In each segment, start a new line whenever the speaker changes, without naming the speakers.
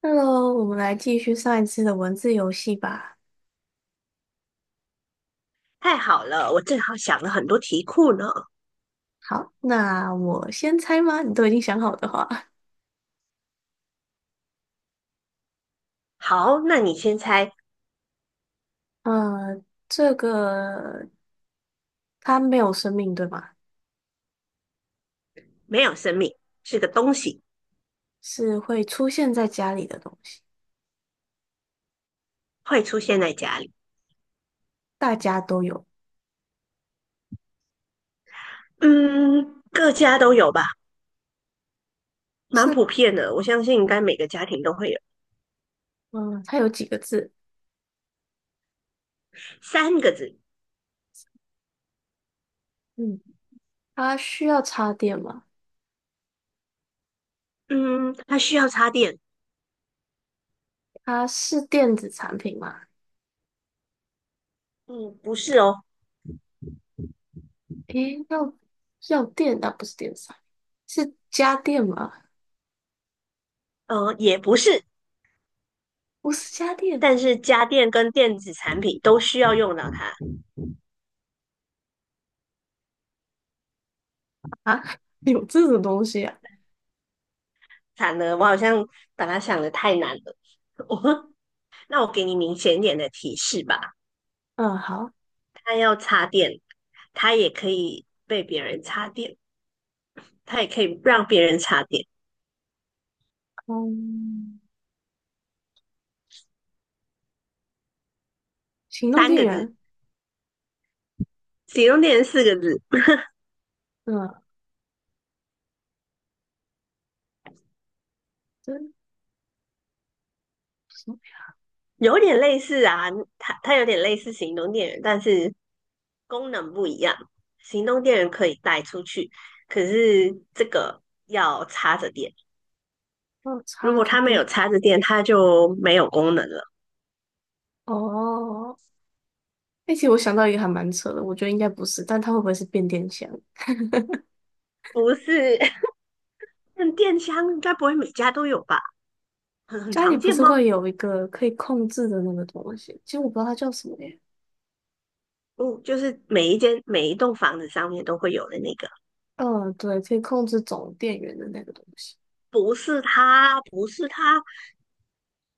Hello，我们来继续上一次的文字游戏吧。
太好了，我正好想了很多题库呢。
好，那我先猜吗？你都已经想好的话，
好，那你先猜，
呃，这个它没有生命，对吗？
没有生命，是个东西，
是会出现在家里的东西，
会出现在家里。
大家都有。
嗯，各家都有吧，蛮
是，
普遍的。我相信应该每个家庭都会有。
嗯，它有几个字？
三个字。
嗯，它需要插电吗？
嗯，它需要插电。
它是电子产品吗？
嗯，不是哦。
诶，要电那不是电子产品，是家电吗？
也不是，
不是家电
但是家电跟电子产品都需要用到它。
啊，有这种东西啊？
惨了，我好像把它想的太难了。我，那我给你明显一点的提示吧。
嗯，好，
他要插电，他也可以被别人插电，他也可以让别人插电。
嗯。行动
三
电
个字，
源，
行动电源四个字。
嗯，真什么？
有点类似啊，它有点类似行动电源，但是功能不一样。行动电源可以带出去，可是这个要插着电，
嗯，
如
插
果
着
它没有
电。
插着电，它就没有功能了。
哦，哎，其实我想到一个还蛮扯的，我觉得应该不是，但它会不会是变电箱？
不是，那电箱应该不会每家都有吧？很
家里
常
不
见
是
吗？
会有一个可以控制的那个东西？其实我不知道它叫什么耶。
哦，就是每一间每一栋房子上面都会有的那个。
嗯，对，可以控制总电源的那个东西，
不是他，不是他。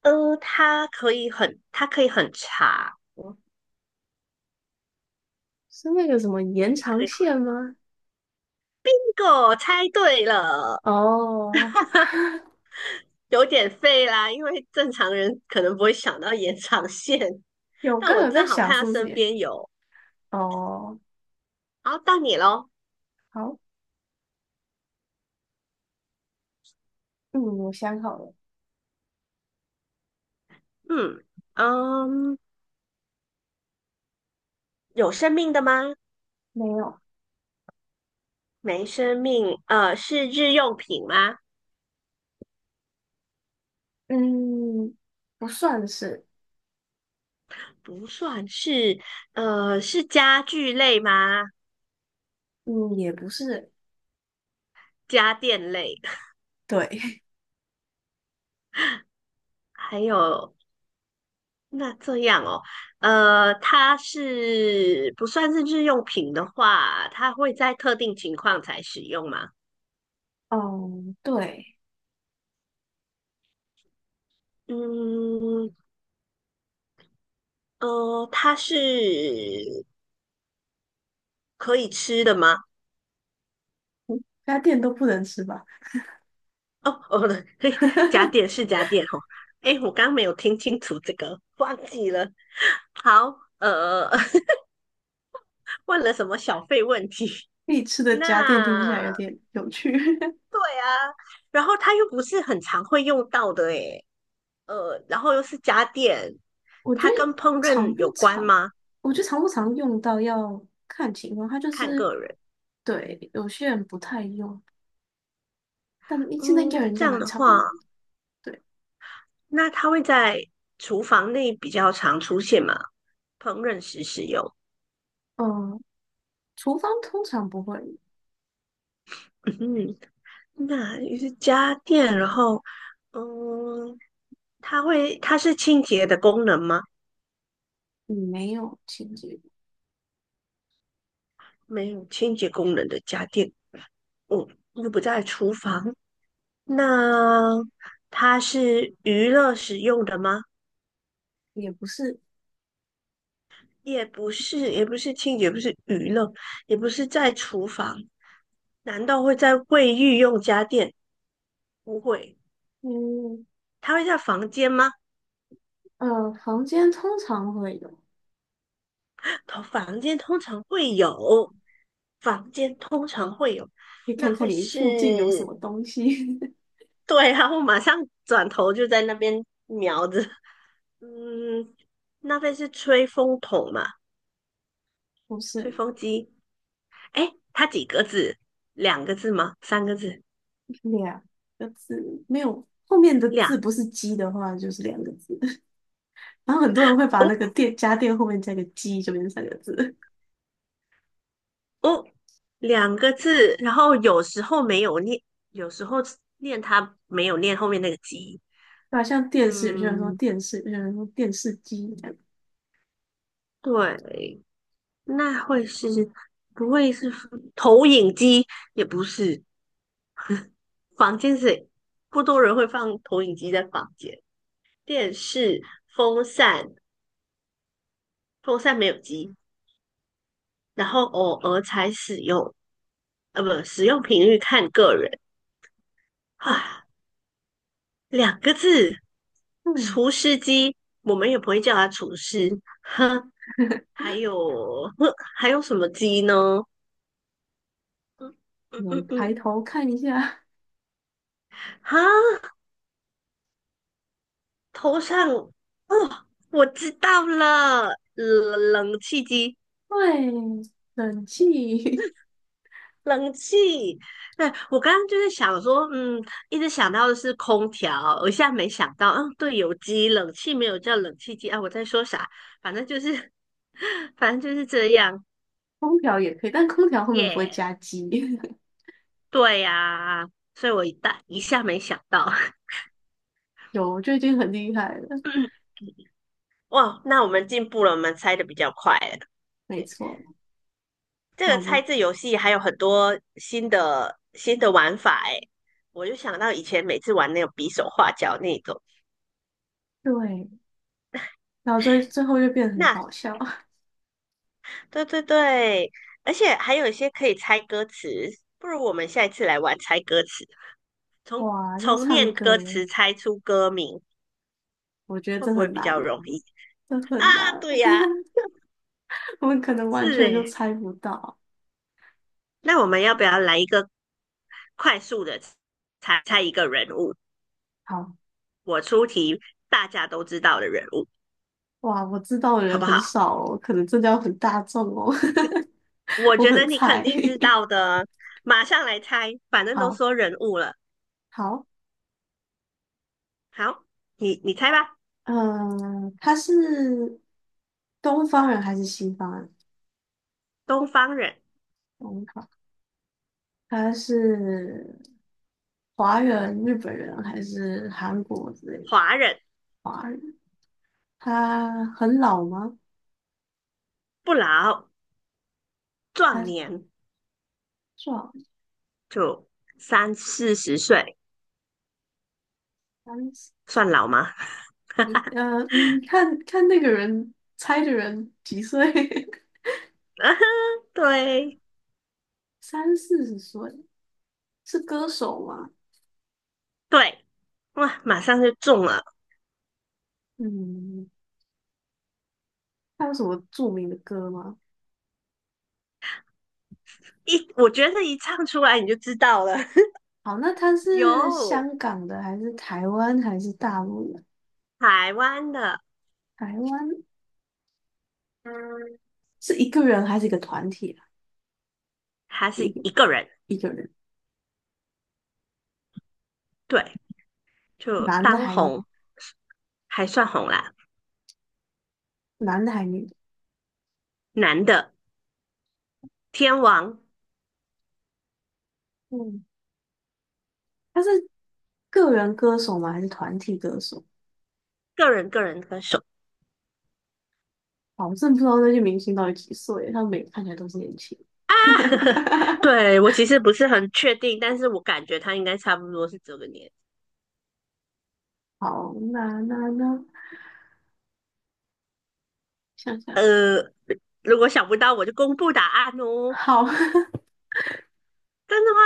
它可以很，它可以很长，
是那个什么延
也可
长
以很。
线吗？
这个我猜对了，
哦，
有点废啦，因为正常人可能不会想到延长线，
有，
但
刚
我
有在
正好
想
看
是
到
不是
身
延？
边有。
哦，
好，到你喽。
好，嗯，我想好了，
嗯嗯，有生命的吗？
没有，
没生命。是日用品吗？
嗯，不算是，
不算是。是家具类吗？
嗯，也不是，
家电类。
对。
还有那这样哦。它是不算是日用品的话，它会在特定情况才使用吗？
哦，对，
嗯。它是可以吃的吗？
家电都不能吃吧？
哦哦，不对，嘿，假点 是假点哦。诶，我刚刚没有听清楚这个，忘记了。好。问了什么小费问题？
必吃 的家电听起
那
来有点有趣。
然后它又不是很常会用到的，诶。然后又是家电，
我觉
它
得
跟烹
常
饪
不
有关
常，
吗？
我觉得常不常用到要看情况，它就
看
是
个人。
对有些人不太用，但现在应该
嗯，
有人应
这
该
样
蛮
的
常
话，
用的对，
那它会在厨房内比较常出现嘛？烹饪时使用。
嗯，厨房通常不会，
嗯，那也是家电，然后嗯，它它是清洁的功能吗？
嗯，没有清洁，
没有清洁功能的家电，嗯，又不在厨房。那它是娱乐使用的吗？
也不是，
也不是，也不是清洁，也不是娱乐，也不是在厨房，难道会在卫浴用家电？不会，
嗯
它会在房间吗？
呃，房间通常会有，可
通房间通常会有，房间通常会有，
以
那
看看
会
你附近有什
是，
么东西，
对然后马上转头就在那边瞄着，嗯，那会是吹风筒嘛？
不
吹
是。
风机？哎，它几个字？两个字吗？三个字？
两个字没有，后面的
两
字不是鸡的话，就是两个字。然后很多人会把
哦，
那个电家电后面加个鸡，就变成三个字。
哦，两个字，然后有时候没有念，有时候念它没有念后面那个机。
对吧？像电视，有些人说
嗯，
电视，有些人说电视机这样。
对，那会是，不会是投影机？也不是，房间是不多人会放投影机在房间，电视、风扇，风扇没有机，然后偶尔才使用。不，使用频率看个人。
对，
唉，两个字，
对，
厨师机，我们也不会叫它厨师。哼，还有，哼还有什么机呢？嗯嗯
我们
嗯
抬
嗯，
头看一下，
哈，头上，哦，我知道了，冷气机，
对，冷气、
冷气。对，我刚刚就是想说，嗯，一直想到的是空调，我现在没想到，嗯，对，有机冷气没有叫冷气机啊，我在说啥？反正就是，反正就是这样，
空调也可以，但空调后面不会
耶、
加鸡。
对呀、所以我一大一下没想到，
有，就已经很厉害了。
哇，那我们进步了，我们猜的比较快了。
没
对，
错，
这
那
个
我
猜
们
字游戏还有很多新的玩法哎，我就想到以前每次玩那种比手画脚那种。
对，然后最后就变得很
那
搞笑。
对对对，而且还有一些可以猜歌词，不如我们下一次来玩猜歌词，
哇，要
从
唱
念歌
歌，
词猜出歌名，
我觉得
会
这
不会
很
比
难。
较容易
这
啊？
很难，
对呀、
我们可能完
是
全就
诶，
猜不到。
那我们要不要来一个快速的猜猜一个人物，
好，
我出题大家都知道的人物，
哇，我知道的
好
人
不
很
好？
少哦，可能真的要很大众哦，
我
我
觉
很
得你肯
菜。
定知 道的，马上来猜，反正都
好，
说人物了。
好，
好，你猜吧，
嗯、他是东方人还是西方人？
东方人、
东方，他是华人、日本人还是韩国之类的
华人、
华人？他很老吗？
不老、
他
壮年，
壮，
就三四十岁，
30，
算老吗？
呃，嗯，看看那个人猜的人几岁？
对
三四十岁是歌手吗？
对，哇，马上就中了，
嗯，他有什么著名的歌吗？
我觉得唱出来你就知道了，
好，那他 是
有
香港的还是台湾还是大陆的？
台湾的，
台湾，嗯，是一个人还是一个团体啊？
还是
一个
一个人，
一个人，
对，就
男的
当
还女
红还算红啦，
男的还女的？
男的天王，
嗯，他是个人歌手吗？还是团体歌手？
个人歌手
好，我真的不知道那些明星到底几岁，他们每个看起来都是年轻。
啊，对我其实不是很确定，但是我感觉他应该差不多是这个年。
好，那，想想，
呃，如果想不到我就公布答案哦，
好，
真的吗？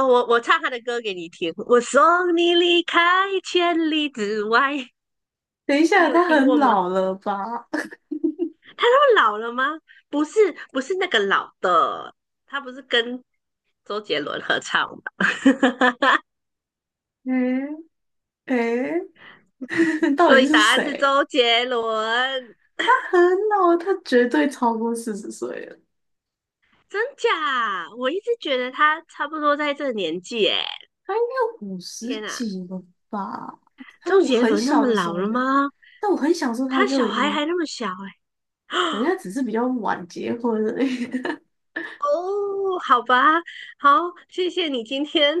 哦，我唱他的歌给你听，我送你离开千里之外，
等一
你
下，
有
他
听
很
过吗？
老了吧？
他老了吗？不是，不是那个老的，他不是跟周杰伦合唱的。
诶诶，到
所
底
以
是
答案是
谁？
周杰伦，
他很老，他绝对超过四十岁了，
真假？我一直觉得他差不多在这个年纪，诶，
他应该五十
天哪，
几了吧？他
周
我
杰
很
伦那
小
么
的时
老
候
了
就，
吗？
但我很小的时候他
他
就
小
已
孩
经，
还那么小，诶，
人 家只是比较晚结婚而已。
哦，好吧，好，谢谢你今天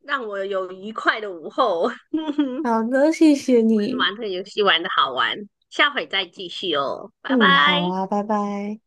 让我有愉快的午后，玩
好的，谢谢你。
玩这个游戏玩的好玩，下回再继续哦，拜
嗯，好
拜。
啊，拜拜。